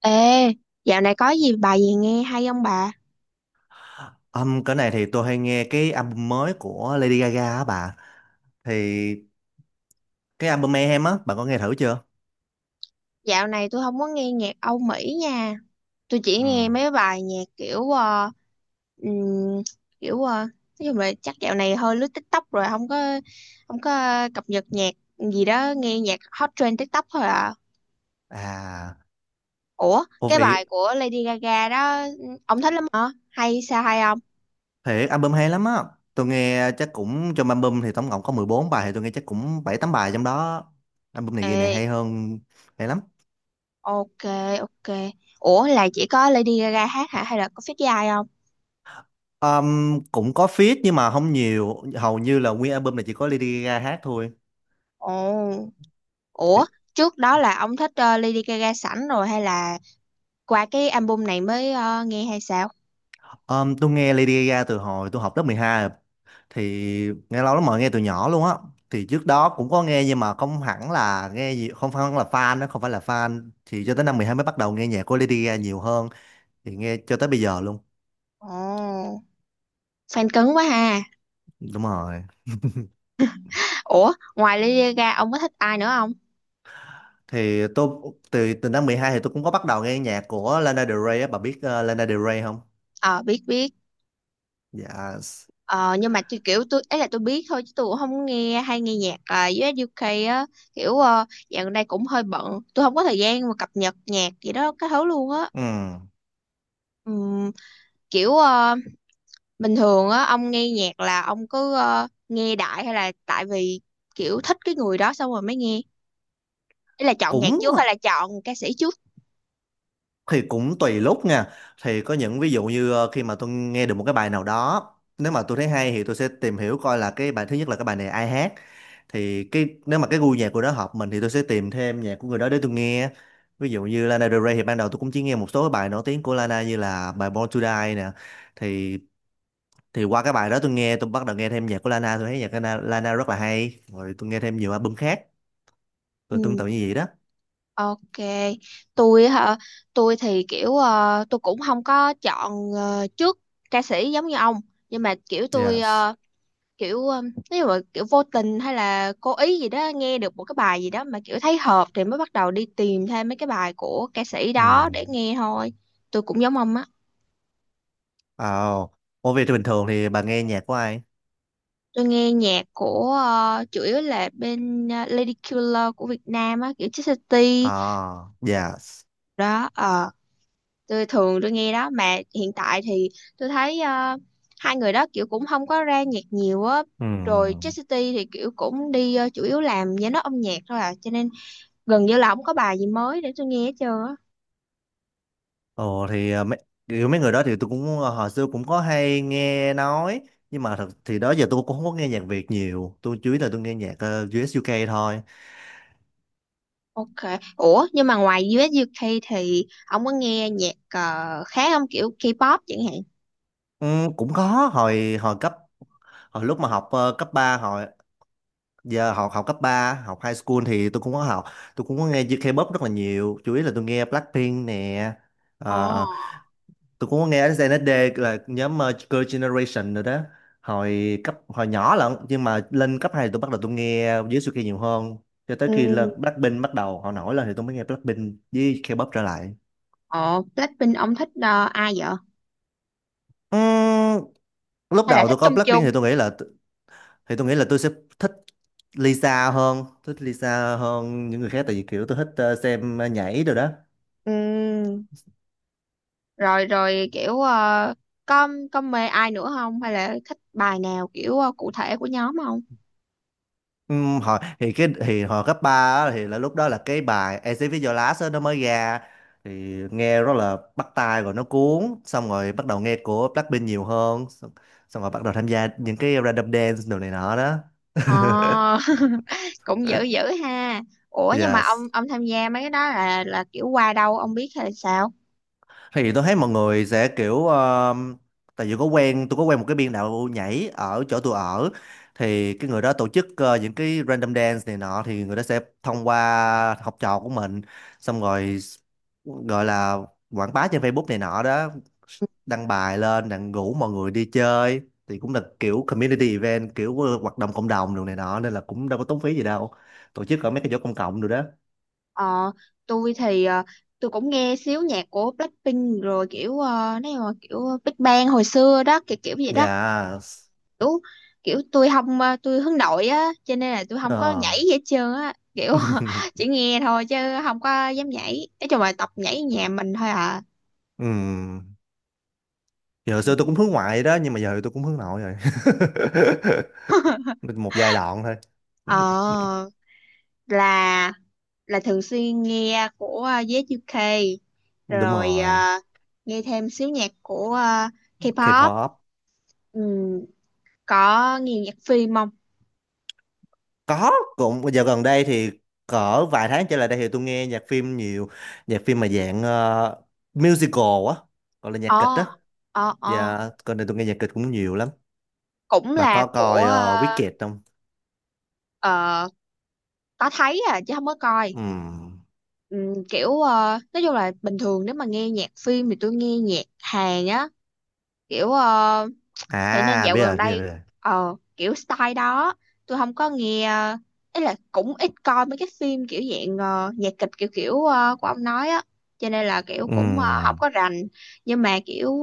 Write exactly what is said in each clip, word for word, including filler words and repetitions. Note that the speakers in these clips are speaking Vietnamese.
Ê, dạo này có gì bài gì nghe hay không bà? Âm cái này thì tôi hay nghe cái album mới của Lady Gaga á bà. Thì cái album Mayhem á, bà có nghe thử chưa? Dạo này tôi không có nghe nhạc Âu Mỹ nha. Tôi chỉ nghe Ừ. mấy bài nhạc kiểu ờ, ừm, kiểu ờ, nói chung là chắc dạo này hơi lướt TikTok rồi không có không có cập nhật nhạc gì đó, nghe nhạc hot trend TikTok thôi à. À, Ủa, ô cái bài vị của Lady Gaga đó ông thích lắm hả? Hay sao hay không? thiệt album hay lắm á. Tôi nghe chắc cũng trong album thì tổng cộng có mười bốn bài, thì tôi nghe chắc cũng bảy tám bài trong đó. Album này kỳ này Ê, hay hơn, hay lắm. ok ok. Ủa là chỉ có Lady Gaga hát hả hay là có feat với ai không? Ờm, cũng có feat nhưng mà không nhiều, hầu như là nguyên album này chỉ có Lady Gaga hát thôi. Ồ. Ủa, trước đó là ông thích ờ, Lady Gaga sẵn rồi hay là qua cái album này mới ờ, nghe hay sao? Um, tôi nghe Lady Gaga từ hồi tôi học lớp mười hai rồi. Thì nghe lâu lắm rồi, nghe từ nhỏ luôn á. Thì trước đó cũng có nghe nhưng mà không hẳn là nghe gì, không phải là fan đó, không phải là fan. Thì cho tới năm mười hai mới bắt đầu nghe nhạc của Lady Gaga nhiều hơn. Thì nghe cho tới bây giờ luôn. Ồ, fan cứng quá ha. Đúng rồi. Ủa, ngoài Lady Gaga ông có thích ai nữa không? Thì tôi từ từ năm mười hai thì tôi cũng có bắt đầu nghe nhạc của Lana Del Rey á, bà biết ờ, Lana Del Rey không? Ờ, biết biết. Dạ. Ờ, nhưng mà tôi kiểu tôi ấy là tôi biết thôi chứ tôi cũng không nghe hay nghe nhạc ờ, u ét u kây á kiểu uh, dạo gần đây cũng hơi bận tôi không có thời gian mà cập nhật nhạc gì đó cái thứ luôn á. Ừ. Ừm, kiểu ờ, Bình thường á ông nghe nhạc là ông cứ ờ, nghe đại hay là tại vì kiểu thích cái người đó xong rồi mới nghe, ý là chọn nhạc Cũng trước hay là chọn ca sĩ trước? thì cũng tùy lúc nha, thì có những ví dụ như ờ, khi mà tôi nghe được một cái bài nào đó, nếu mà tôi thấy hay thì tôi sẽ tìm hiểu coi là cái bài thứ nhất là cái bài này ai hát, thì cái nếu mà cái gu nhạc của đó hợp mình thì tôi sẽ tìm thêm nhạc của người đó để tôi nghe. Ví dụ như Lana Del Rey thì ban đầu tôi cũng chỉ nghe một số cái bài nổi tiếng của Lana như là bài Born to Die nè. Thì thì qua cái bài đó tôi nghe tôi bắt đầu nghe thêm nhạc của Lana, tôi thấy nhạc của Na- Lana rất là hay, rồi tôi nghe thêm nhiều album khác, rồi tương Ừ, tự như vậy đó. ok. Tôi hả? Tôi thì kiểu ờ, tôi cũng không có chọn ờ, trước ca sĩ giống như ông, nhưng mà kiểu tôi Yes. ờ, kiểu ờ, nếu mà kiểu vô tình hay là cố ý gì đó nghe được một cái bài gì đó mà kiểu thấy hợp thì mới bắt đầu đi tìm thêm mấy cái bài của ca sĩ Ừ. đó để nghe thôi. Tôi cũng giống ông á. Oh. Ủa vậy thì bình thường thì bà nghe nhạc của ai? Tôi nghe nhạc của ờ, chủ yếu là bên ờ, Lady Killer của Việt Nam á, kiểu Chit City À. Dạ. đó ờ. Tôi thường tôi nghe đó mà hiện tại thì tôi thấy ờ, hai người đó kiểu cũng không có ra nhạc nhiều á, rồi Ừ. Chastity thì kiểu cũng đi ờ, chủ yếu làm giám đốc âm nhạc thôi à, cho nên gần như là không có bài gì mới để tôi nghe hết trơn á. Ồ. thì à, mấy kiểu mấy người đó thì tôi cũng à, hồi xưa cũng có hay nghe nói. Nhưng mà thật thì đó giờ tôi cũng không có nghe nhạc Việt nhiều, tôi chủ yếu là tôi nghe nhạc ờ, u ét u ca thôi. Ok, ủa nhưng mà ngoài u ét u kây thì ông có nghe nhạc ờ, khác không, kiểu K-pop chẳng hạn? Ừ, cũng có. Hồi hồi cấp hồi lúc mà học ờ, cấp ba, hồi giờ học học cấp ba, học high school, thì tôi cũng có học. Tôi cũng có nghe K-pop rất là nhiều, chủ yếu là tôi nghe Blackpink nè. ờ, Ồ. tôi cũng có nghe đến ét en ét đê là nhóm ờ, Girl Generation rồi đó, hồi cấp hồi nhỏ lận. Nhưng mà lên cấp hai tôi bắt đầu tôi nghe dưới Suki nhiều hơn, cho tới khi là Ừ. Blackpink bắt đầu họ nổi lên thì tôi mới nghe Blackpink với K-pop trở lại. Ồ, Blackpink ông thích ờ, ai vậy, Ừm, lúc hay là đầu thích tôi coi chung Blackpink chung? thì tôi nghĩ là, thì tôi nghĩ là tôi sẽ thích Lisa hơn thích Lisa hơn những người khác, tại vì kiểu tôi thích ờ, xem nhảy rồi đó. Ừ, rồi rồi kiểu ờ, có có mê ai nữa không hay là thích bài nào kiểu ờ, cụ thể của nhóm không? Ừm, hồi thì cái thì hồi cấp ba á, thì là lúc đó là cái bài Exit with Your Last á, nó mới ra, thì nghe rất là bắt tai rồi nó cuốn, xong rồi bắt đầu nghe của Blackpink nhiều hơn. Xong, xong rồi bắt đầu tham gia những cái random dance đồ này nọ đó. Ờ. Cũng dữ dữ ha. Ủa nhưng mà ông Yes. ông tham gia mấy cái đó là là kiểu qua đâu ông biết hay là sao? Thì tôi thấy mọi người sẽ kiểu ờ, tại vì có quen tôi có quen một cái biên đạo nhảy ở chỗ tôi ở, thì cái người đó tổ chức ờ, những cái random dance này nọ, thì người đó sẽ thông qua học trò của mình, xong rồi gọi là quảng bá trên Facebook này nọ đó, đăng bài lên đặng rủ mọi người đi chơi. Thì cũng là kiểu community event, kiểu ờ, hoạt động cộng đồng đồ này nọ nên là cũng đâu có tốn phí gì đâu, tổ chức ở mấy cái chỗ công cộng rồi đó. Ờ, tôi thì ờ, tôi cũng nghe xíu nhạc của Blackpink rồi kiểu ờ, nếu mà kiểu Big Bang hồi xưa đó kiểu kiểu vậy đó, Dạ. kiểu kiểu tôi không ờ, tôi hướng nội á cho nên là tôi không Ờ. có nhảy gì hết trơn á kiểu chỉ nghe thôi chứ không có dám nhảy, nói chung là tập nhảy nhà mình thôi à. Ừ. Giờ hồi xưa tôi cũng hướng ngoại đó, nhưng mà giờ thì tôi cũng hướng nội rồi. Một giai đoạn thôi. Ờ, là là thường xuyên nghe của ờ, gi u ca Đúng rồi rồi. ờ, nghe thêm xíu nhạc của ờ, K-pop. K-pop. Ừm, có nghe nhạc phim không? Có, cũng giờ gần đây thì cỡ vài tháng trở lại đây thì tôi nghe nhạc phim nhiều, nhạc phim mà dạng ờ, musical á, gọi là nhạc Ờ, kịch á. ờ ờ. Dạ, gần đây tôi nghe nhạc kịch cũng nhiều lắm. Cũng Bà là có của coi ờ, ờ, Wicked không? ờ, có thấy à chứ không có coi. Ừm. Ừm, kiểu ờ, nói chung là bình thường nếu mà nghe nhạc phim thì tôi nghe nhạc Hàn á, kiểu uh, thế nên À, dạo biết gần rồi, biết đây rồi, biết rồi. ờ kiểu style đó tôi không có nghe ờ, ý là cũng ít coi mấy cái phim kiểu dạng ờ, nhạc kịch kiểu kiểu ờ, của ông nói á, cho nên là kiểu cũng ờ, không Ừm. có rành. Nhưng mà kiểu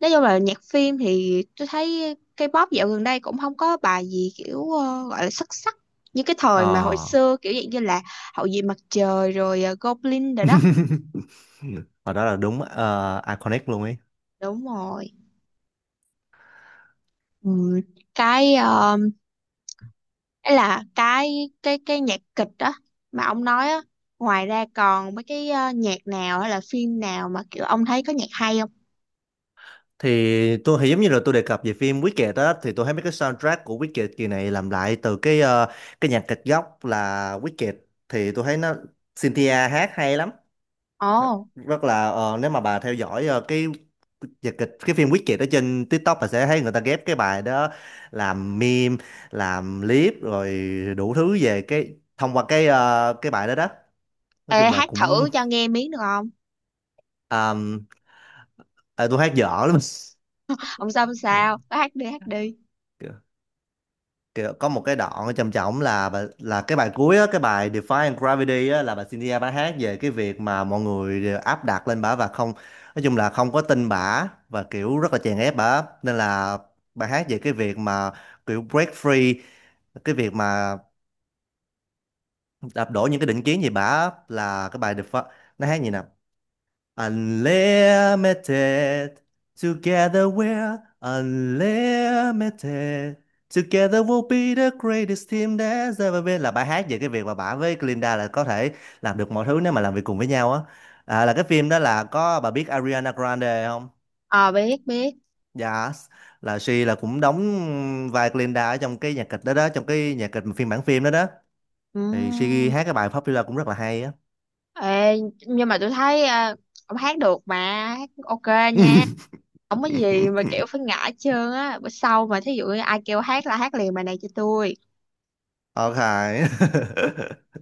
nói chung là nhạc phim thì tôi thấy K-pop dạo gần đây cũng không có bài gì kiểu ờ, gọi là xuất sắc như cái Ờ. thời mà hồi xưa kiểu dạng như là Hậu duệ mặt trời rồi ờ, Goblin rồi đó. Và đó là đúng ờ, iconic luôn. Đúng rồi. Ừm, cái ờ, Ấy là cái cái cái nhạc kịch đó mà ông nói á, ngoài ra còn mấy cái ờ, nhạc nào hay là phim nào mà kiểu ông thấy có nhạc hay không? Thì tôi thì giống như là tôi đề cập về phim Wicked á, thì tôi thấy mấy cái soundtrack của Wicked kỳ này làm lại từ cái ờ, cái nhạc kịch gốc là Wicked. Thì tôi thấy nó Cynthia hát hay lắm. Th- Ồ, Rất là ờ, nếu mà bà theo dõi ờ, cái nhạc kịch, cái phim Wicked ở trên TikTok, bà sẽ thấy người ta ghép cái bài đó làm meme, làm clip, rồi đủ thứ về cái thông qua cái ờ, cái bài đó đó, nói ê chung là hát cũng. thử cho nghe miếng được không? um, à, tôi hát dở lắm. Ông sao ông sao có hát đi hát đi. Kiểu có một cái đoạn trầm trọng là bà- là cái bài cuối á, cái bài Defying Gravity á, là bà Cynthia bà hát về cái việc mà mọi người đều áp đặt lên bà và không, nói chung là không có tin bà và kiểu rất là chèn ép bà, nên là bà hát về cái việc mà kiểu break free, cái việc mà đạp đổ những cái định kiến gì, bà là cái bài Defy, nó hát gì nè. Unlimited. Together we're unlimited. Together we'll be the greatest team that's ever been, là bài hát về cái việc mà bà với Glinda là có thể làm được mọi thứ nếu mà làm việc cùng với nhau á. À, là cái phim đó là có, bà biết Ariana Grande không? Ờ, biết biết. Yes. Là she là cũng đóng vai Glinda ở trong cái nhạc kịch đó đó, trong cái nhạc kịch mà phiên bản phim đó đó. Ừ. Thì she hát cái bài Popular cũng rất là hay á. Ê, nhưng mà tôi thấy à, ông hát được mà, hát ok nha, không có gì mà kiểu phải ngã hết trơn á, bữa sau mà thí dụ như ai kêu hát là hát liền bài này cho tôi. Ok.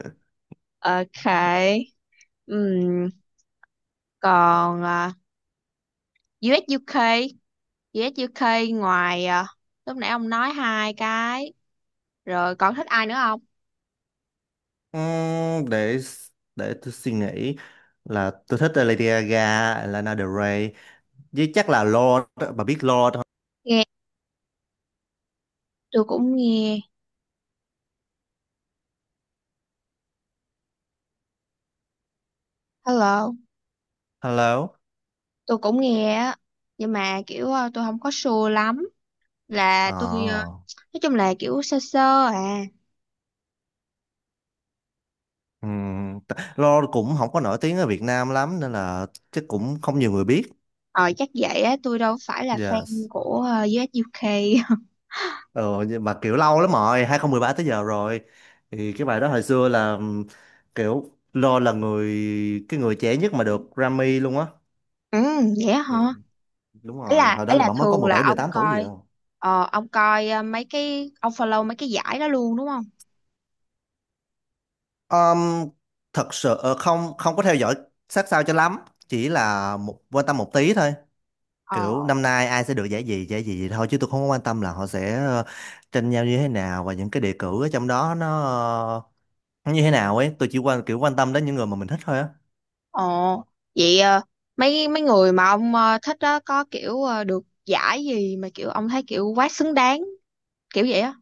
Ok. Ừm, còn à, US UK, US UK, ngoài à, lúc nãy ông nói hai cái rồi còn thích ai nữa không? Ừm, để để tôi suy nghĩ, là tôi thích là Lady Gaga, Lana Del Rey, với chắc là Lorde, bà biết Lorde không? Nghe, tôi cũng nghe, hello, Hello. tôi cũng nghe á, nhưng mà kiểu à, tôi không có sure lắm là tôi à, Ờ. nói chung là kiểu sơ sơ à. ừm, t- Lorde cũng không có nổi tiếng ở Việt Nam lắm nên là chắc cũng không nhiều người biết. Ờ chắc vậy á, tôi đâu phải là fan Yes. của ờ, u UK. Ờ nhưng mà kiểu lâu lắm rồi, hai không một ba tới giờ rồi. Thì cái bài đó hồi xưa là ừm, kiểu Lorde là người cái người trẻ nhất mà được Grammy luôn á. Ừ, vậy á Ừ. hả? Đúng Ấy rồi, là hồi đó ấy là là bà mới có thường là mười bảy ông mười tám tuổi gì à. coi ờ, ông coi ờ, mấy cái ông follow mấy cái giải đó luôn đúng không? Um, thật sự ờ, không không có theo dõi sát sao cho lắm, chỉ là một quan tâm một tí thôi. Ờ Kiểu năm nay ai sẽ được giải gì giải gì thôi, chứ tôi không có quan tâm là họ sẽ ờ, tranh nhau như thế nào và những cái đề cử ở trong đó nó ờ, nó như thế nào ấy, tôi chỉ quan kiểu quan tâm đến những người mà mình thích thôi á. ờ, vậy ờ, mấy mấy người mà ông ờ, thích đó có kiểu ờ, được giải gì mà kiểu ông thấy kiểu quá xứng đáng kiểu vậy á.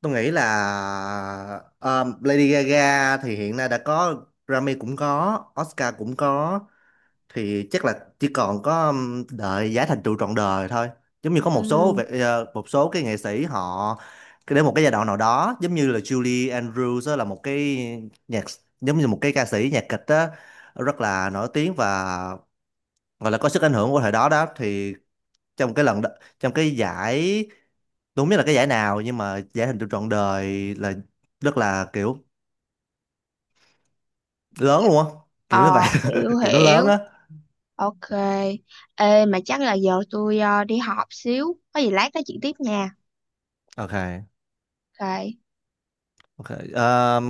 Tôi nghĩ là um, Lady Gaga thì hiện nay đã có Grammy cũng có, Oscar cũng có, thì chắc là chỉ còn có um, đợi giá thành trụ trọn đời thôi, giống như có một số Ừ. về- ờ, một số cái nghệ sĩ họ cái- đến một cái giai đoạn nào đó, giống như là Julie Andrews á, là một cái nhạc giống như một cái ca sĩ nhạc kịch á, rất là nổi tiếng và gọi là có sức ảnh hưởng của thời đó đó, thì trong cái lần đ- trong cái giải, tôi không biết là cái giải nào nhưng mà giải thành trụ trọn đời là rất là kiểu lớn luôn á, kiểu như Ờ, vậy. hiểu Kiểu nó lớn hiểu. á. Ok. Ê mà chắc là giờ tôi ờ, đi họp xíu, có gì lát nói chuyện tiếp nha. Ok. Ok. Ok. um,